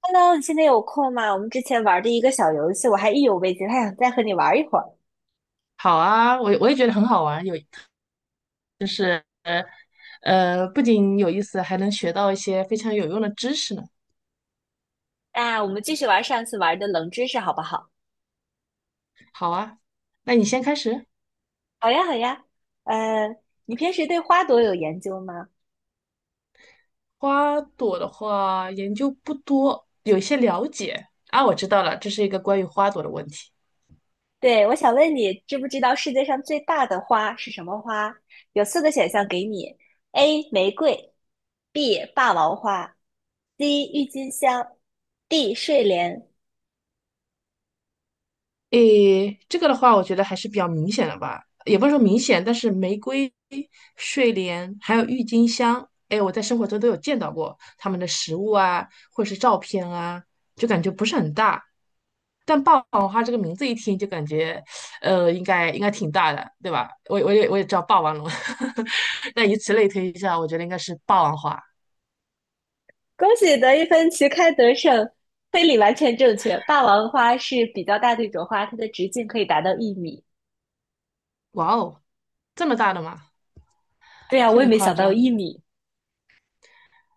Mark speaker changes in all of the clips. Speaker 1: Hello，你现在有空吗？我们之前玩的一个小游戏，我还意犹未尽，还想再和你玩一会儿。
Speaker 2: 好啊，我也觉得很好玩，不仅有意思，还能学到一些非常有用的知识呢。
Speaker 1: 那我们继续玩上次玩的冷知识，好不好？
Speaker 2: 好啊，那你先开始。
Speaker 1: 好呀，好呀。呃，你平时对花朵有研究吗？
Speaker 2: 花朵的话，研究不多，有一些了解啊，我知道了，这是一个关于花朵的问题。
Speaker 1: 对，我想问你，知不知道世界上最大的花是什么花？有四个选项给你：A. 玫瑰，B. 霸王花，C. 郁金香，D. 睡莲。
Speaker 2: 诶，这个的话，我觉得还是比较明显的吧，也不是说明显，但是玫瑰、睡莲还有郁金香，诶，我在生活中都有见到过它们的实物啊，或者是照片啊，就感觉不是很大。但霸王花这个名字一听就感觉，应该挺大的，对吧？我也知道霸王龙，那以此类推一下，我觉得应该是霸王花。
Speaker 1: 恭喜得一分旗开得胜，推理完全正确。霸王花是比较大的一种花，它的直径可以达到一米。
Speaker 2: 哇哦，这么大的吗？
Speaker 1: 对呀，
Speaker 2: 有
Speaker 1: 我也
Speaker 2: 点
Speaker 1: 没
Speaker 2: 夸
Speaker 1: 想到有
Speaker 2: 张。
Speaker 1: 一米，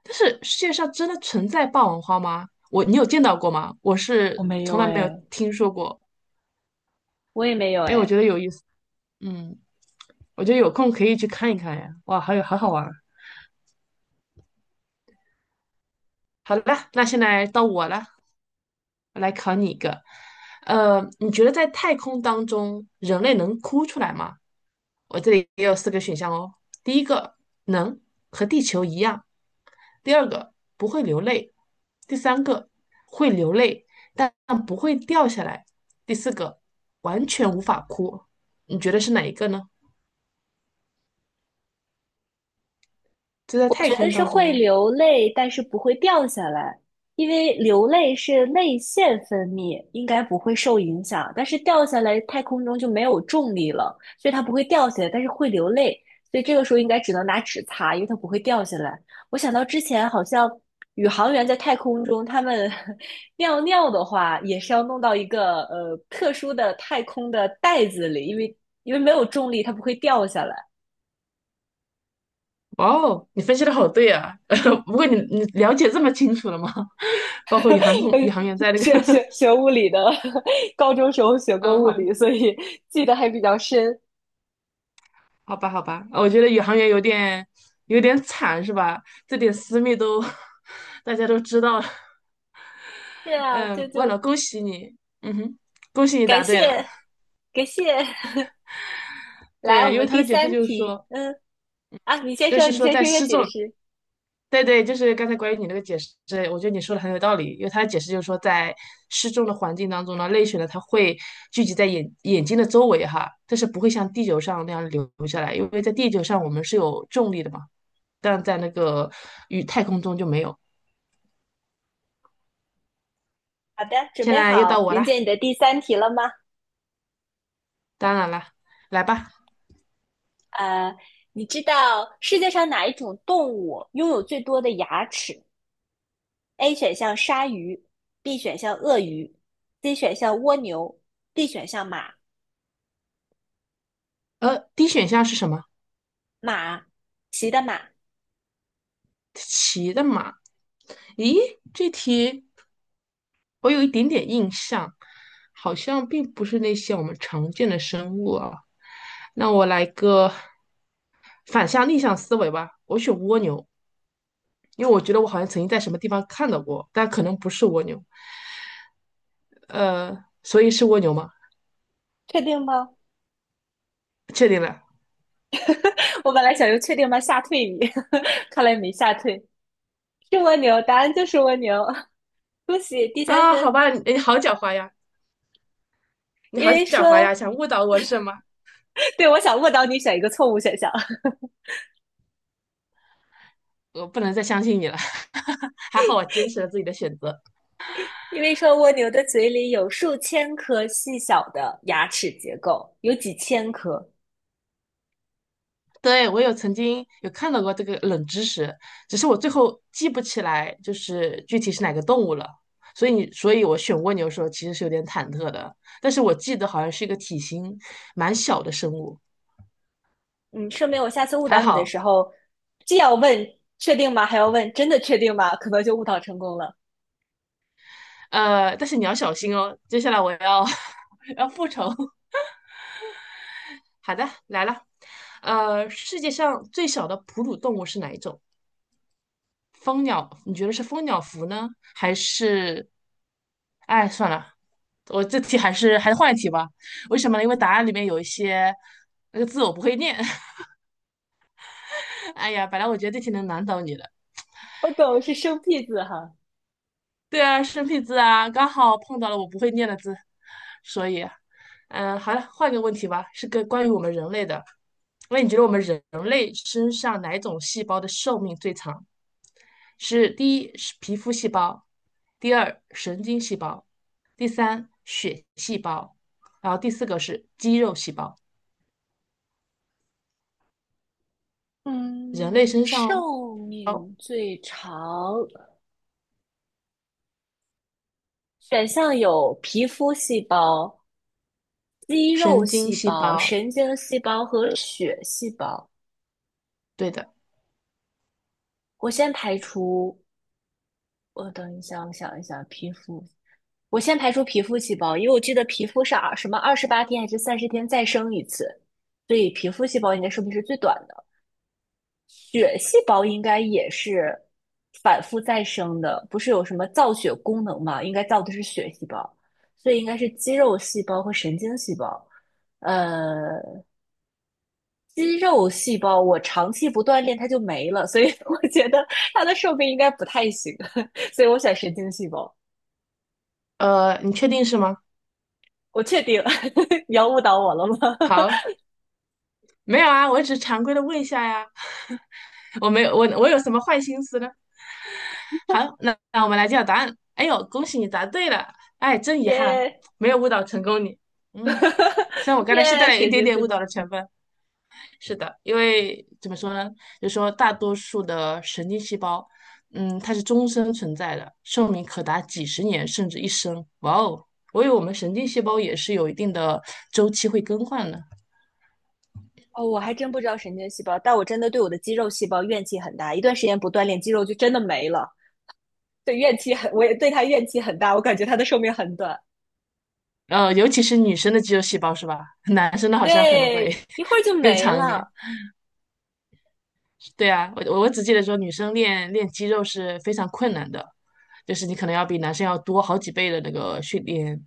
Speaker 2: 但是世界上真的存在霸王花吗？我，你有见到过吗？我
Speaker 1: 我
Speaker 2: 是
Speaker 1: 没
Speaker 2: 从
Speaker 1: 有
Speaker 2: 来没有
Speaker 1: 哎，
Speaker 2: 听说过。
Speaker 1: 我也没有
Speaker 2: 哎，我觉
Speaker 1: 哎。
Speaker 2: 得有意思，嗯，我觉得有空可以去看一看呀。哇，还有好好玩儿。好了，那现在到我了。我来考你一个，你觉得在太空当中，人类能哭出来吗？我这里也有四个选项哦。第一个，能，和地球一样；第二个，不会流泪；第三个，会流泪，但不会掉下来；第四个，完全无法哭。你觉得是哪一个呢？就在太
Speaker 1: 但
Speaker 2: 空
Speaker 1: 是
Speaker 2: 当中
Speaker 1: 会
Speaker 2: 哦。
Speaker 1: 流泪，但是不会掉下来，因为流泪是泪腺分泌，应该不会受影响。但是掉下来，太空中就没有重力了，所以它不会掉下来，但是会流泪。所以这个时候应该只能拿纸擦，因为它不会掉下来。我想到之前好像宇航员在太空中，他们 尿尿的话，也是要弄到一个特殊的太空的袋子里，因为没有重力，它不会掉下来。
Speaker 2: 哇哦，你分析的好对啊！不过你了解这么清楚了吗？包括宇航员在 那
Speaker 1: 学
Speaker 2: 个，
Speaker 1: 学学物理的，高中时候学 过
Speaker 2: 嗯，
Speaker 1: 物
Speaker 2: 好
Speaker 1: 理，
Speaker 2: 吧
Speaker 1: 所以记得还比较深。
Speaker 2: 好吧，好吧，我觉得宇航员有点惨，是吧？这点私密都 大家都知道了。
Speaker 1: 是啊，就
Speaker 2: 嗯，忘
Speaker 1: 就
Speaker 2: 了，恭喜你，嗯哼，恭喜你答
Speaker 1: 感
Speaker 2: 对了。
Speaker 1: 谢感谢。来，
Speaker 2: 对，
Speaker 1: 我
Speaker 2: 因为
Speaker 1: 们
Speaker 2: 他
Speaker 1: 第
Speaker 2: 的解释
Speaker 1: 三
Speaker 2: 就是
Speaker 1: 题，
Speaker 2: 说，
Speaker 1: 啊，你先
Speaker 2: 就
Speaker 1: 说，
Speaker 2: 是
Speaker 1: 你
Speaker 2: 说
Speaker 1: 先
Speaker 2: 在
Speaker 1: 说一个
Speaker 2: 失
Speaker 1: 解
Speaker 2: 重，
Speaker 1: 释。
Speaker 2: 对对，就是刚才关于你那个解释，我觉得你说的很有道理。因为他的解释就是说，在失重的环境当中呢，泪水呢它会聚集在眼睛的周围哈，但是不会像地球上那样流下来，因为在地球上我们是有重力的嘛，但在那个与太空中就没有。
Speaker 1: 好的，准
Speaker 2: 现
Speaker 1: 备
Speaker 2: 在又到
Speaker 1: 好
Speaker 2: 我了，
Speaker 1: 迎接你的第三题了吗？
Speaker 2: 当然了，来吧。
Speaker 1: 呃，你知道世界上哪一种动物拥有最多的牙齿？A 选项鲨鱼，B 选项鳄鱼，C 选项蜗牛，D 选项马
Speaker 2: 呃，D 选项是什么？
Speaker 1: 马骑的马。
Speaker 2: 骑的马。咦，这题我有一点点印象，好像并不是那些我们常见的生物啊。那我来个逆向思维吧，我选蜗牛，因为我觉得我好像曾经在什么地方看到过，但可能不是蜗牛。呃，所以是蜗牛吗？
Speaker 1: 确定吗？
Speaker 2: 确定了
Speaker 1: 我本来想用"确定吗吓退你，看来没吓退，是蜗牛，答案就是蜗牛，恭喜第三
Speaker 2: 啊？好
Speaker 1: 分。
Speaker 2: 吧，你好狡猾呀，你
Speaker 1: 因
Speaker 2: 好
Speaker 1: 为
Speaker 2: 狡猾呀，
Speaker 1: 说，
Speaker 2: 想误导我是吗？
Speaker 1: 对，我想误导你选一个错误选项，
Speaker 2: 我不能再相信你了。还好我坚持了自己的选择。
Speaker 1: 因为说蜗牛的嘴里有数千颗细小的牙齿结构，有几千颗。
Speaker 2: 对，我曾经有看到过这个冷知识，只是我最后记不起来，就是具体是哪个动物了。所以我选蜗牛的时候其实是有点忐忑的，但是我记得好像是一个体型蛮小的生物，
Speaker 1: 嗯，说明我下次误
Speaker 2: 还
Speaker 1: 导你的
Speaker 2: 好。
Speaker 1: 时候，既要问确定吗，还要问真的确定吗，可能就误导成功了。
Speaker 2: 但是你要小心哦，接下来我要 要复仇。好的，来了。呃，世界上最小的哺乳动物是哪一种？蜂鸟，你觉得是蜂鸟蝠呢，还是哎，算了，我这题还是换一题吧。为什么呢？因为答案里面有一些那个字我不会念。哎呀，本来我觉得这题能难倒你的。
Speaker 1: 我懂，是生僻字哈。
Speaker 2: 对啊，生僻字啊，刚好碰到了我不会念的字，所以，嗯，好了，换个问题吧，是个关于我们人类的。那你觉得我们人类身上哪种细胞的寿命最长？是第一是皮肤细胞，第二神经细胞，第三血细胞，然后第四个是肌肉细胞。人类
Speaker 1: 嗯，
Speaker 2: 身上
Speaker 1: 寿
Speaker 2: 哦，
Speaker 1: 命最长选项有皮肤细胞、肌肉
Speaker 2: 神经
Speaker 1: 细
Speaker 2: 细
Speaker 1: 胞、
Speaker 2: 胞，
Speaker 1: 神经细胞和血细胞。
Speaker 2: 对的。
Speaker 1: 我先排除，我等一下，我想一想。皮肤，我先排除皮肤细胞，因为我记得皮肤是二什么28天还是30天再生一次，所以皮肤细胞应该寿命是最短的。血细胞应该也是反复再生的，不是有什么造血功能嘛？应该造的是血细胞，所以应该是肌肉细胞和神经细胞。呃，肌肉细胞，我长期不锻炼它就没了，所以 我觉得它的寿命应该不太行，所以我选神经细胞。
Speaker 2: 呃，你确定是吗？
Speaker 1: 我确定了，你要误导我了吗？
Speaker 2: 好，没有啊，我只是常规的问一下呀。我没有，我有什么坏心思呢？好，那我们来揭晓答案。哎呦，恭喜你答对了！哎，真遗憾，
Speaker 1: 耶
Speaker 2: 没有误导成功你。嗯，虽然我刚才是带
Speaker 1: 耶，
Speaker 2: 了一
Speaker 1: 神
Speaker 2: 点
Speaker 1: 经
Speaker 2: 点
Speaker 1: 细
Speaker 2: 误
Speaker 1: 胞。
Speaker 2: 导的成分。是的，因为怎么说呢，就是说大多数的神经细胞，嗯，它是终身存在的，寿命可达几十年甚至一生。哇哦，我以为我们神经细胞也是有一定的周期会更换的，
Speaker 1: 哦，我还真不知道神经细胞，但我真的对我的肌肉细胞怨气很大，一段时间不锻炼，肌肉就真的没了。对，怨气很，我也对它怨气很大，我感觉它的寿命很短。
Speaker 2: 尤其是女生的肌肉细胞是吧？男生的好像可能会
Speaker 1: 对，一会儿就
Speaker 2: 更
Speaker 1: 没
Speaker 2: 长一点。
Speaker 1: 了。
Speaker 2: 对啊，我只记得说女生练肌肉是非常困难的，就是你可能要比男生要多好几倍的那个训练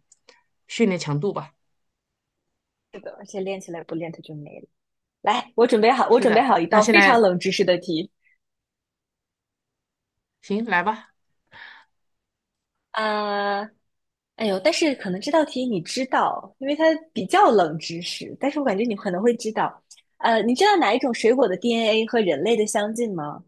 Speaker 2: 训练强度吧。
Speaker 1: 是的，而且练起来不练它就没了。来，我准备好，我
Speaker 2: 是
Speaker 1: 准备
Speaker 2: 的，
Speaker 1: 好一
Speaker 2: 那
Speaker 1: 道
Speaker 2: 现
Speaker 1: 非常
Speaker 2: 在
Speaker 1: 冷知识的题。
Speaker 2: 行，来吧。
Speaker 1: 啊、哎呦，但是可能这道题你知道，因为它比较冷知识，但是我感觉你可能会知道。你知道哪一种水果的 DNA 和人类的相近吗？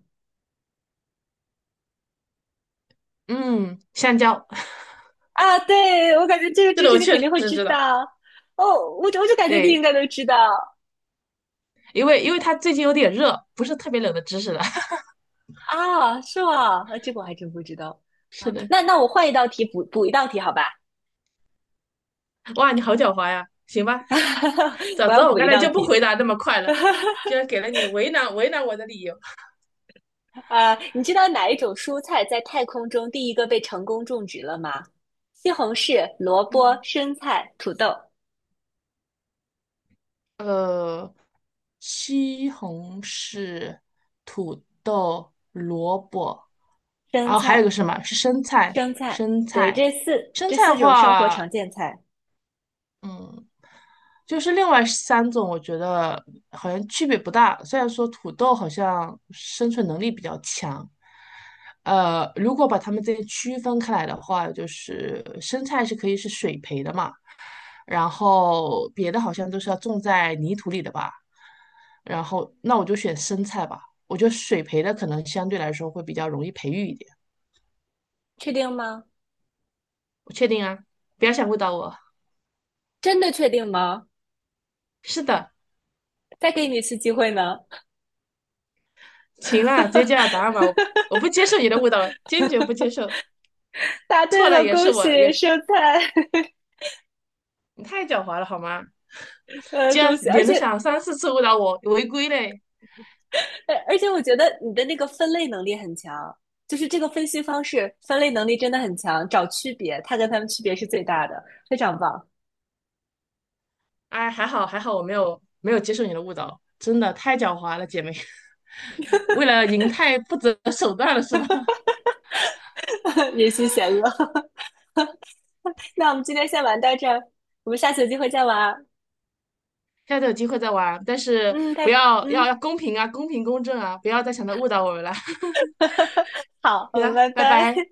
Speaker 2: 嗯，香蕉，
Speaker 1: 啊，对，我感觉这个
Speaker 2: 这
Speaker 1: 知
Speaker 2: 个
Speaker 1: 识
Speaker 2: 我
Speaker 1: 你
Speaker 2: 确
Speaker 1: 肯
Speaker 2: 实
Speaker 1: 定会知
Speaker 2: 知道。
Speaker 1: 道。哦，我就感觉你应
Speaker 2: 对，
Speaker 1: 该都知道
Speaker 2: 因为它最近有点热，不是特别冷的知识了。
Speaker 1: 啊，是吗？啊，这个我还真不知道
Speaker 2: 是
Speaker 1: 啊。
Speaker 2: 的，
Speaker 1: 那我换一道题补一道题，好吧？
Speaker 2: 哇，你好狡猾呀！行吧，早
Speaker 1: 我
Speaker 2: 知
Speaker 1: 要
Speaker 2: 道我
Speaker 1: 补
Speaker 2: 刚
Speaker 1: 一
Speaker 2: 才
Speaker 1: 道
Speaker 2: 就不
Speaker 1: 题。
Speaker 2: 回答那么快了，居然给了你为难我的理由。
Speaker 1: 啊，你知道哪一种蔬菜在太空中第一个被成功种植了吗？西红柿、萝卜、
Speaker 2: 嗯，
Speaker 1: 生菜、土豆、
Speaker 2: 呃，西红柿、土豆、萝卜，
Speaker 1: 生
Speaker 2: 然后还有一个
Speaker 1: 菜、
Speaker 2: 是什么？是生菜，
Speaker 1: 生菜，
Speaker 2: 生
Speaker 1: 对，
Speaker 2: 菜，
Speaker 1: 这四
Speaker 2: 生
Speaker 1: 这
Speaker 2: 菜的
Speaker 1: 四种生活
Speaker 2: 话，
Speaker 1: 常见菜，
Speaker 2: 嗯，就是另外三种，我觉得好像区别不大。虽然说土豆好像生存能力比较强，如果把它们这些区分开来的话，就是生菜是可以是水培的嘛，然后别的好像都是要种在泥土里的吧。然后那我就选生菜吧，我觉得水培的可能相对来说会比较容易培育一点。
Speaker 1: 确定吗？
Speaker 2: 我确定啊，不要想误导我。
Speaker 1: 真的确定吗？
Speaker 2: 是的，
Speaker 1: 再给你一次机会呢。
Speaker 2: 行了，直接揭晓答案吧，我不接受你的误导，坚决不接受。
Speaker 1: 答对
Speaker 2: 错了
Speaker 1: 了，
Speaker 2: 也
Speaker 1: 恭
Speaker 2: 是我，也
Speaker 1: 喜
Speaker 2: 是
Speaker 1: 生菜，
Speaker 2: 你太狡猾了好吗？竟然
Speaker 1: 恭喜！而
Speaker 2: 连着
Speaker 1: 且，
Speaker 2: 想三四次误导我，违规嘞！
Speaker 1: 而且我觉得你的那个分类能力很强，就是这个分析方式分类能力真的很强，找区别，它跟它们区别是最大的，非常棒。
Speaker 2: 哎，还好还好，我没有接受你的误导，真的太狡猾了，姐妹。为了赢太不择手段了是吗？
Speaker 1: 人心险恶。那我们今天先玩到这儿，我们下次有机会再玩啊
Speaker 2: 下次有机会再玩，但是
Speaker 1: 嗯，
Speaker 2: 不
Speaker 1: 拜，
Speaker 2: 要要
Speaker 1: 嗯，
Speaker 2: 要公平啊，公平公正啊，不要再想着误导我们了。
Speaker 1: 好，
Speaker 2: 行
Speaker 1: 嗯，
Speaker 2: 了，
Speaker 1: 拜
Speaker 2: 拜
Speaker 1: 拜。
Speaker 2: 拜。